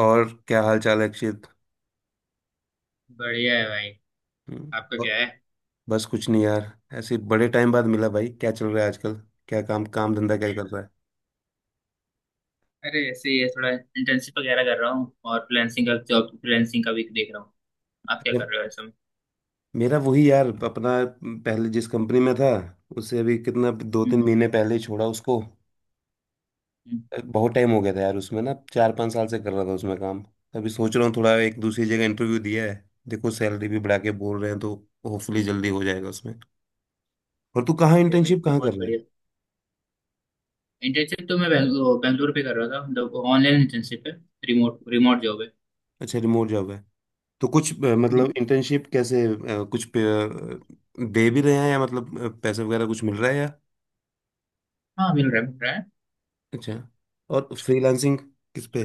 और क्या हाल चाल है अक्षित? बढ़िया है भाई। हम्म। आपका ब- क्या है? बस कुछ नहीं यार। ऐसे बड़े टाइम बाद मिला भाई, क्या चल रहा है आजकल? क्या काम काम धंधा क्या कर रहा है? अरे, ऐसे ही है, थोड़ा इंटर्नशिप वगैरह कर रहा हूँ और फ्रीलांसिंग का भी देख रहा हूँ। आप क्या जब कर रहे हो ऐसे में? मेरा वही यार अपना, पहले जिस कंपनी में था उससे अभी कितना दो तीन हम्म। महीने पहले ही छोड़ा उसको। हम्म। बहुत टाइम हो गया था यार उसमें ना, 4-5 साल से कर रहा था उसमें काम। अभी सोच रहा हूँ थोड़ा, एक दूसरी जगह इंटरव्यू दिया है। देखो सैलरी भी बढ़ा के बोल रहे हैं, तो होपफुली जल्दी हो जाएगा उसमें। और तू कहाँ अरे भाई, इंटर्नशिप कहाँ कर बहुत रहा है? बढ़िया। इंटर्नशिप तो मैं बैंगलोर बैंगलोर पे कर रहा था, मतलब ऑनलाइन इंटर्नशिप है। रिमोट रिमोट जॉब है। अच्छा, रिमोट जॉब है। तो कुछ हम्म। मतलब इंटर्नशिप कैसे, कुछ दे भी रहे हैं, या मतलब पैसे वगैरह कुछ मिल रहा है या? हाँ, मिल रहा है, मिल रहा है। अच्छा। और फ्रीलांसिंग किस पे?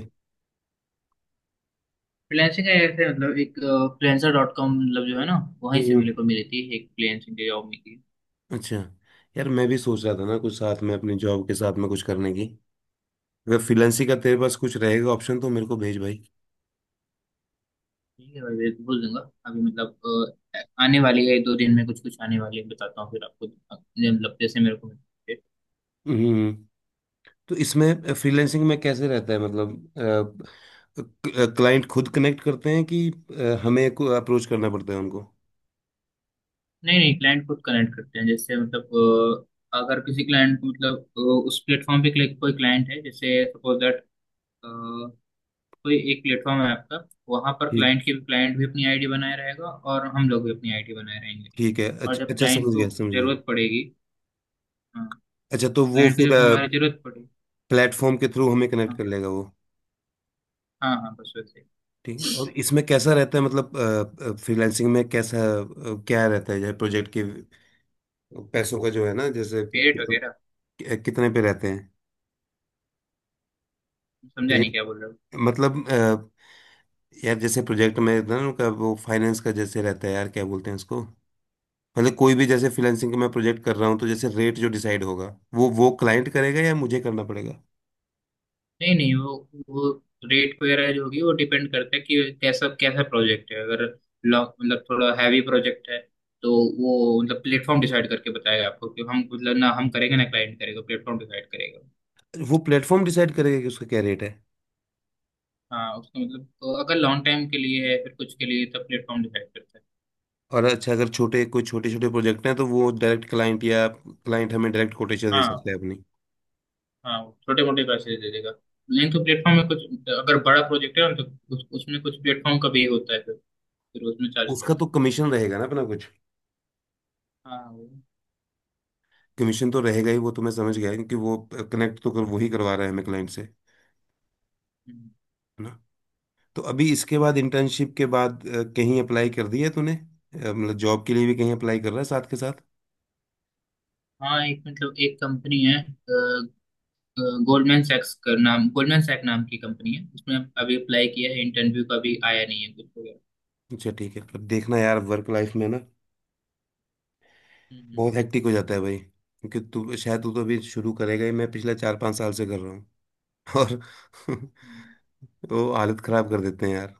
फ्रीलांसिंग का ऐसे, मतलब एक फ्रीलांसर डॉट कॉम, मतलब जो है ना, वहीं से हम्म। मेरे को मिली थी, एक फ्रीलांसिंग की जॉब मिली थी। अच्छा। यार मैं भी सोच रहा था ना, कुछ साथ में अपनी जॉब के साथ में कुछ करने की। अगर फ्रीलांसिंग का तेरे पास कुछ रहेगा ऑप्शन, तो मेरे को भेज भाई। ठीक है भाई, मैं बोल दूंगा। अभी मतलब आने वाली है, 2 दिन में कुछ कुछ आने वाली है, बताता हूँ फिर आपको मतलब जैसे मेरे को मिले। हम्म। तो इसमें फ्रीलांसिंग में कैसे रहता है मतलब, क्लाइंट खुद कनेक्ट करते हैं, कि हमें को अप्रोच करना पड़ता है उनको? नहीं नहीं, क्लाइंट खुद कनेक्ट करते हैं, जैसे मतलब अगर किसी क्लाइंट को, मतलब उस प्लेटफॉर्म पे कोई क्लाइंट है, जैसे सपोज दैट, कोई एक प्लेटफॉर्म है आपका, वहां पर ठीक, क्लाइंट भी अपनी आईडी बनाए रहेगा और हम लोग भी अपनी आईडी बनाए रहेंगे, ठीक है। और अच्छा जब अच्छा, क्लाइंट समझ को गया समझ गया। जरूरत पड़ेगी। हाँ। अच्छा तो वो क्लाइंट को फिर जब हमारी जरूरत पड़ेगी, प्लेटफॉर्म के थ्रू हमें कनेक्ट हाँ, कर लेगा वो। हाँ हाँ, बस वैसे। ठीक है, और इसमें कैसा रहता है मतलब फ्रीलांसिंग में कैसा, क्या रहता है जैसे प्रोजेक्ट के पैसों का, जो है ना, जैसे पेरेट वगैरह, कितने पे रहते हैं? समझा पे- नहीं क्या बोल रहे हो। मतलब यार जैसे प्रोजेक्ट में ना उनका वो फाइनेंस का जैसे रहता है यार, क्या बोलते हैं उसको। मतलब कोई भी जैसे फ्रीलांसिंग का मैं प्रोजेक्ट कर रहा हूँ, तो जैसे रेट जो डिसाइड होगा, वो क्लाइंट करेगा या मुझे करना पड़ेगा? नहीं नहीं, वो रेट वगैरह जो होगी, वो डिपेंड करता है कि कैसा कैसा प्रोजेक्ट है। अगर मतलब थोड़ा हैवी प्रोजेक्ट है, तो वो, मतलब प्लेटफॉर्म डिसाइड करके बताएगा आपको, कि हम, मतलब ना हम करेंगे ना क्लाइंट करेगा, प्लेटफॉर्म डिसाइड करेगा। वो प्लेटफॉर्म डिसाइड करेगा कि उसका क्या रेट है? हाँ, उसका मतलब, तो अगर लॉन्ग टाइम के लिए है, फिर कुछ के लिए, तब प्लेटफॉर्म डिसाइड करता है। और अच्छा, अगर छोटे कोई छोटे छोटे प्रोजेक्ट हैं तो वो डायरेक्ट क्लाइंट या क्लाइंट हमें डायरेक्ट कोटेशन दे सकता हाँ, है अपनी? हाँ, छोटे मोटे पैसे दे देगा, नहीं तो प्लेटफॉर्म में कुछ, अगर बड़ा प्रोजेक्ट है ना, तो उसमें कुछ प्लेटफॉर्म का भी होता है, फिर उसमें चार्ज उसका करता तो कमीशन रहेगा ना अपना कुछ। है। हाँ। कमीशन तो रहेगा ही, वो तो मैं समझ गया, क्योंकि वो कनेक्ट तो कर, वो ही करवा रहा है हमें क्लाइंट से, है हम्म। ना? तो अभी इसके बाद, इंटर्नशिप के बाद कहीं अप्लाई कर दिया तूने, मतलब जॉब के लिए भी कहीं अप्लाई कर रहा है साथ के साथ? हाँ, एक, मतलब एक कंपनी है, गोल्डमैन सैक नाम की कंपनी है, उसमें अभी अप्लाई किया है, इंटरव्यू का भी आया नहीं है कुछ वगैरह। अच्छा ठीक है। पर देखना यार, वर्क लाइफ में ना हम्म। बहुत हेक्टिक हो जाता है भाई, क्योंकि तू शायद, तू तो अभी शुरू करेगा ही, मैं पिछले 4-5 साल से कर रहा हूँ। और हम्म। वो हालत खराब कर देते हैं यार,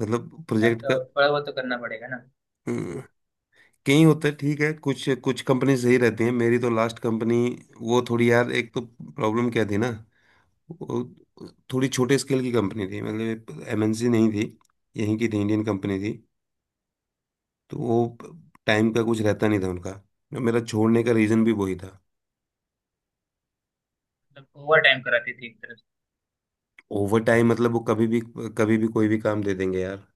मतलब हाँ, प्रोजेक्ट का। तो थोड़ा बहुत तो करना पड़ेगा ना, हम्म। कई होता है, ठीक है, कुछ कुछ कंपनी सही रहती हैं। मेरी तो लास्ट कंपनी वो थोड़ी यार, एक तो प्रॉब्लम क्या थी ना वो, थोड़ी छोटे स्केल की कंपनी थी, मतलब एमएनसी नहीं थी, यहीं की थी, इंडियन कंपनी थी। तो वो टाइम का कुछ रहता नहीं था उनका, मेरा छोड़ने का रीज़न भी वही था। मतलब ओवर टाइम कराती थी एक तरह से। ओवर टाइम मतलब वो कभी भी, कभी भी कोई भी काम दे देंगे यार।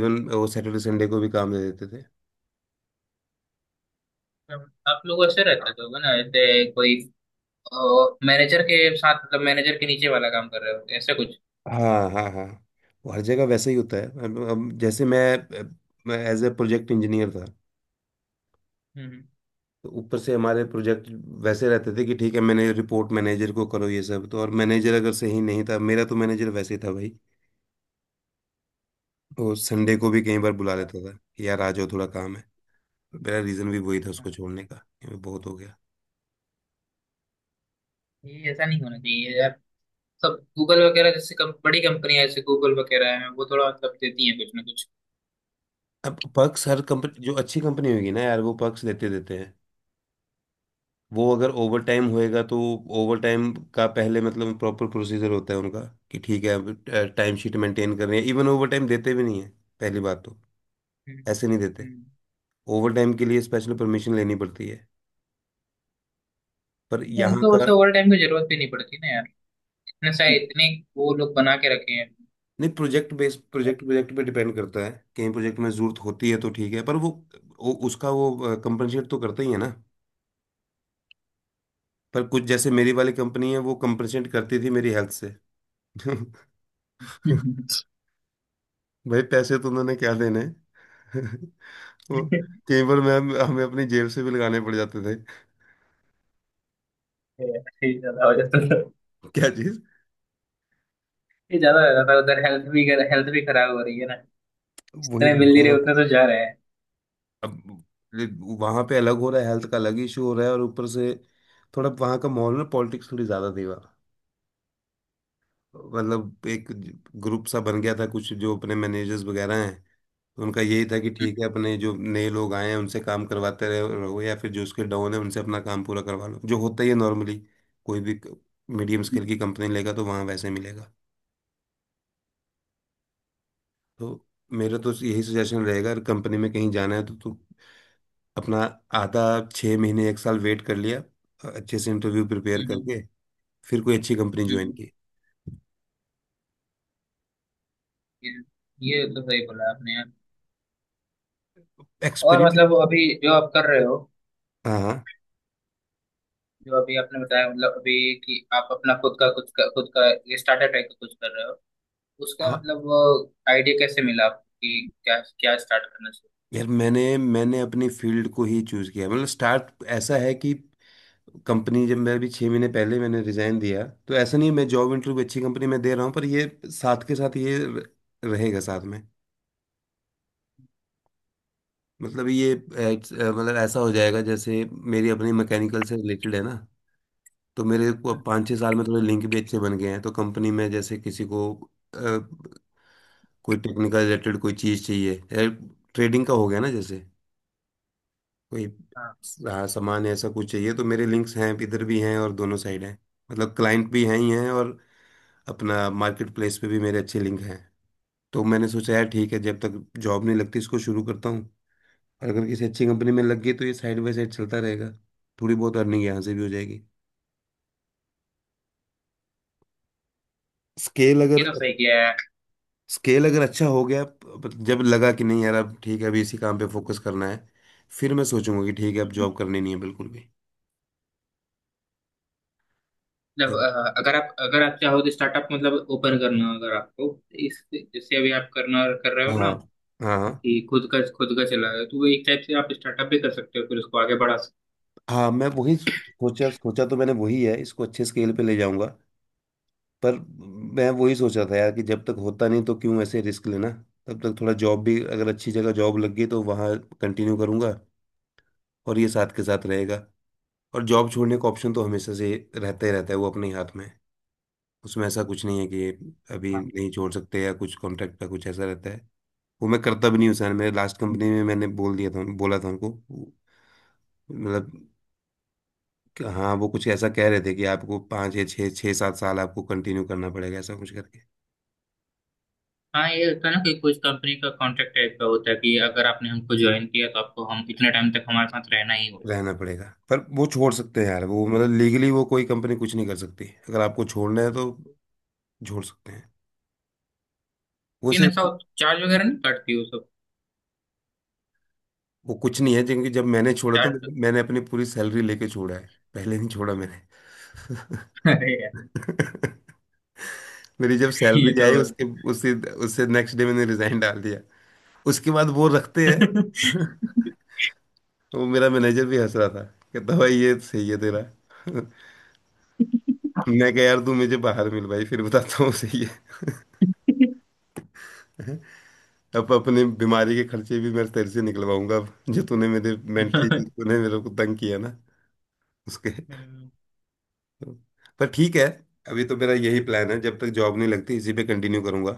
इवन वो सैटरडे संडे को भी काम दे देते थे। तो आप लोग ऐसे रहते तो होगा ना, ऐसे कोई मैनेजर के साथ, मतलब मैनेजर के नीचे वाला काम कर रहे हो, ऐसा कुछ? हाँ हाँ हाँ, वो हर जगह वैसे ही होता है। अब जैसे मैं एज ए प्रोजेक्ट इंजीनियर था, हम्म। तो ऊपर से हमारे प्रोजेक्ट वैसे रहते थे, कि ठीक है मैंने रिपोर्ट मैनेजर को करो ये सब, तो और मैनेजर अगर सही नहीं था, मेरा तो मैनेजर वैसे ही था भाई। वो संडे को भी कई बार बुला हाँ, लेता था कि यार आ जाओ थोड़ा काम है। मेरा रीज़न भी वही था उसको हाँ। छोड़ने का, कि बहुत हो गया। ये ऐसा नहीं होना चाहिए यार। सब गूगल वगैरह जैसे बड़ी कंपनियां, जैसे गूगल वगैरह है, वो थोड़ा मतलब देती हैं कुछ ना कुछ। अब पक्स, हर कंपनी जो अच्छी कंपनी होगी ना यार, वो पक्स देते देते हैं, वो अगर ओवर टाइम होएगा तो। ओवर टाइम का पहले, मतलब प्रॉपर प्रोसीजर होता है उनका, कि ठीक है, अब टाइम शीट मेंटेन कर रहे हैं, इवन ओवर टाइम देते भी नहीं है पहली बात तो, हम्म। ऐसे नहीं देते। हम्म। ओवर टाइम के लिए स्पेशल परमिशन लेनी पड़ती है। पर यहाँ उनको का, उसे ओवर टाइम की जरूरत भी नहीं पड़ती ना यार, ऐसा इतने वो लोग बना के रखे हैं। नहीं, प्रोजेक्ट बेस्ड, प्रोजेक्ट प्रोजेक्ट पे डिपेंड करता है। कहीं प्रोजेक्ट में ज़रूरत होती है तो ठीक है, पर वो, उसका वो कंपनसेट तो करता ही है ना। पर कुछ जैसे मेरी वाली कंपनी है, वो कंपनसेट करती थी मेरी हेल्थ से। भाई पैसे तो उन्होंने क्या देने। वो कई बार मैं हमें अपनी जेब से भी लगाने पड़ जाते थे। ये ज्यादा हो जाता था। क्या चीज? ये ज्यादा हो जाता था उधर, हेल्थ भी खराब हो रही है ना, वही जितने मिल नहीं रहता रहे है। उतने तो जा रहे हैं। अब वहां पे अलग हो रहा है, हेल्थ का अलग इशू हो रहा है, और ऊपर से थोड़ा वहां का माहौल में पॉलिटिक्स थोड़ी ज्यादा थी वहाँ। मतलब एक ग्रुप सा बन गया था कुछ, जो अपने मैनेजर्स वगैरह हैं, उनका यही था कि ठीक है अपने जो नए लोग आए हैं उनसे काम करवाते रहे रहो, या फिर जो उसके डाउन है उनसे अपना काम पूरा करवा लो, जो होता ही है नॉर्मली। कोई भी मीडियम हम्म। स्केल की कंपनी लेगा तो वहाँ वैसे मिलेगा। तो मेरा तो यही सजेशन रहेगा, अगर कंपनी में कहीं जाना है तो तू अपना आधा, 6 महीने एक साल वेट कर लिया अच्छे से इंटरव्यू प्रिपेयर हम्म। करके, फिर कोई अच्छी कंपनी हम्म। ज्वाइन हम्म। की। ये ये तो सही बोला आपने यार। और एक्सपीरियंस। मतलब, अभी जो आप कर रहे हो, हाँ हाँ जो अभी आपने बताया, मतलब अभी कि आप अपना खुद का खुद का स्टार्टर टाइप का कुछ कर रहे हो, उसका हाँ। मतलब आइडिया कैसे मिला आपको, कि क्या क्या स्टार्ट करना चाहिए? यार मैंने मैंने अपनी फील्ड को ही चूज किया, मतलब स्टार्ट, ऐसा है कि कंपनी, जब मैं अभी 6 महीने पहले मैंने रिजाइन दिया, तो ऐसा नहीं मैं जॉब इंटरव्यू अच्छी कंपनी में दे रहा हूँ, पर ये साथ के साथ ये रहेगा साथ में। मतलब ये मतलब ऐसा हो जाएगा, जैसे मेरी अपनी मैकेनिकल से रिलेटेड है ना, तो मेरे को अब हम्म। 5-6 साल में थोड़े लिंक भी अच्छे बन गए हैं। तो कंपनी में जैसे किसी को अ, कोई टेक्निकल रिलेटेड कोई चीज़ चाहिए, ट्रेडिंग का हो गया ना जैसे, कोई हाँ, हाँ, सामान ऐसा कुछ चाहिए, तो मेरे लिंक्स हैं, इधर भी हैं, और दोनों साइड हैं। मतलब क्लाइंट भी हैं ही हैं, और अपना मार्केट प्लेस पे भी मेरे अच्छे लिंक हैं। तो मैंने सोचा यार ठीक है, जब तक जॉब नहीं लगती इसको शुरू करता हूँ। और अगर किसी अच्छी कंपनी में लग गई तो ये साइड बाय साइड चलता रहेगा, थोड़ी बहुत अर्निंग यहाँ से भी हो जाएगी। स्केल ये अगर तो सही किया स्केल अगर अच्छा हो गया, जब लगा कि नहीं यार अब ठीक है अभी इसी काम पे फोकस करना है, फिर मैं सोचूंगा कि ठीक है अब है। जॉब करनी नहीं है बिल्कुल भी। मतलब ठीक है। अगर आप चाहो तो स्टार्टअप, मतलब ओपन करना, अगर आपको, तो इस जैसे अभी आप करना कर रहे हो हाँ ना, हाँ। कि खुद का चला रहे हो, तो वो एक टाइप से आप स्टार्टअप भी कर सकते हो, फिर उसको आगे बढ़ा सकते। हाँ। मैं वही सोचा सोचा तो मैंने वही है, इसको अच्छे स्केल पे ले जाऊंगा। पर मैं वही सोचा था यार, कि जब तक होता नहीं तो क्यों ऐसे रिस्क लेना, तब तक थोड़ा जॉब भी, अगर अच्छी जगह जॉब लग गई तो वहाँ कंटिन्यू करूंगा, और ये साथ के साथ रहेगा। और जॉब छोड़ने का ऑप्शन तो हमेशा से रहता ही रहता है, वो अपने ही हाथ में है। उसमें ऐसा कुछ नहीं है कि अभी हाँ। नहीं छोड़ सकते, या कुछ कॉन्ट्रैक्ट का कुछ ऐसा रहता है, वो मैं करता भी नहीं हूँ सर। मेरे लास्ट हो। कंपनी में मैंने बोल दिया था, बोला था उनको मतलब, कि हाँ, वो कुछ ऐसा कह रहे थे कि आपको पाँच या छः, छः सात साल आपको कंटिन्यू करना पड़ेगा, ऐसा कुछ करके हाँ, हाँ, ये होता है ना कि कुछ कंपनी का कॉन्ट्रैक्ट टाइप का होता है, कि अगर आपने हमको ज्वाइन किया, तो आपको हम इतने टाइम तक हमारे साथ रहना ही होगा। रहना पड़ेगा। पर वो छोड़ सकते हैं यार, वो मतलब लीगली वो कोई कंपनी कुछ नहीं कर सकती, अगर आपको छोड़ना है तो छोड़ सकते हैं। वो लेकिन ऐसा सिर्फ, चार्ज वगैरह नहीं काटती हो सब? वो कुछ नहीं है। क्योंकि जब मैंने छोड़ा तो चार्ज। मैंने अपनी पूरी सैलरी लेके छोड़ा है, पहले नहीं छोड़ा मैंने। अरे यार, मेरी जब ये सैलरी तो। आई उसके, उसी, उससे नेक्स्ट डे मैंने रिजाइन डाल दिया। उसके बाद वो रखते हैं। वो मेरा मैनेजर भी हंस रहा था, कहता भाई ये सही है तेरा। मैं कह यार तू मुझे बाहर मिल भाई, फिर बताता हूँ सही है। अब अपने बीमारी के खर्चे भी मैं तेरे से निकलवाऊंगा, अब जो तूने मेरे मेंटली, तूने मेरे को तंग किया ना उसके। पर ठीक है, अभी तो मेरा यही प्लान है, जब तक जॉब नहीं लगती इसी पे कंटिन्यू करूंगा।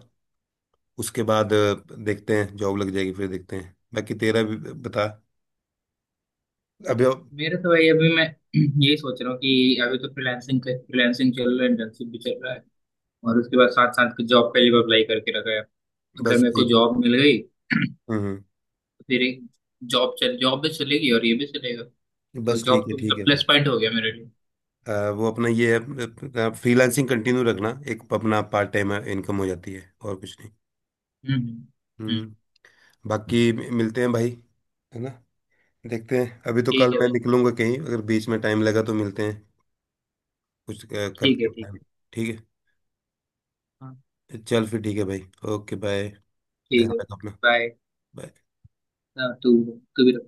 उसके हाँ। बाद देखते हैं जॉब लग जाएगी फिर देखते हैं। बाकी तेरा भी बता। अभी मेरे तो भाई, अभी मैं यही सोच रहा हूँ कि अभी तो फ्रीलांसिंग चल रहा है, इंटर्नशिप भी चल रहा है, और उसके बाद साथ साथ के जॉब पहले भी अप्लाई करके रखा है। अगर बस मेरे को ठीक। जॉब मिल गई हम्म हम्म। तो फिर जॉब भी चलेगी और ये भी चलेगा, तो बस जॉब तो ठीक मतलब है प्लस अभी, पॉइंट हो गया मेरे लिए। वो अपना ये है, फ्रीलांसिंग कंटिन्यू रखना, एक अपना पार्ट टाइम इनकम हो जाती है और कुछ नहीं। हम्म। हम्म। हम्म। हम्म। बाकी मिलते हैं भाई, है ना? देखते हैं, अभी तो कल ठीक है मैं भाई। निकलूंगा कहीं, अगर बीच में टाइम लगा तो मिलते हैं, कुछ ठीक है। करते हैं ठीक प्लान। है। ठीक हाँ। है, चल फिर ठीक है भाई, ओके बाय। ठीक ध्यान है। रख अपना। बाय। बाय। तू तू भी रख।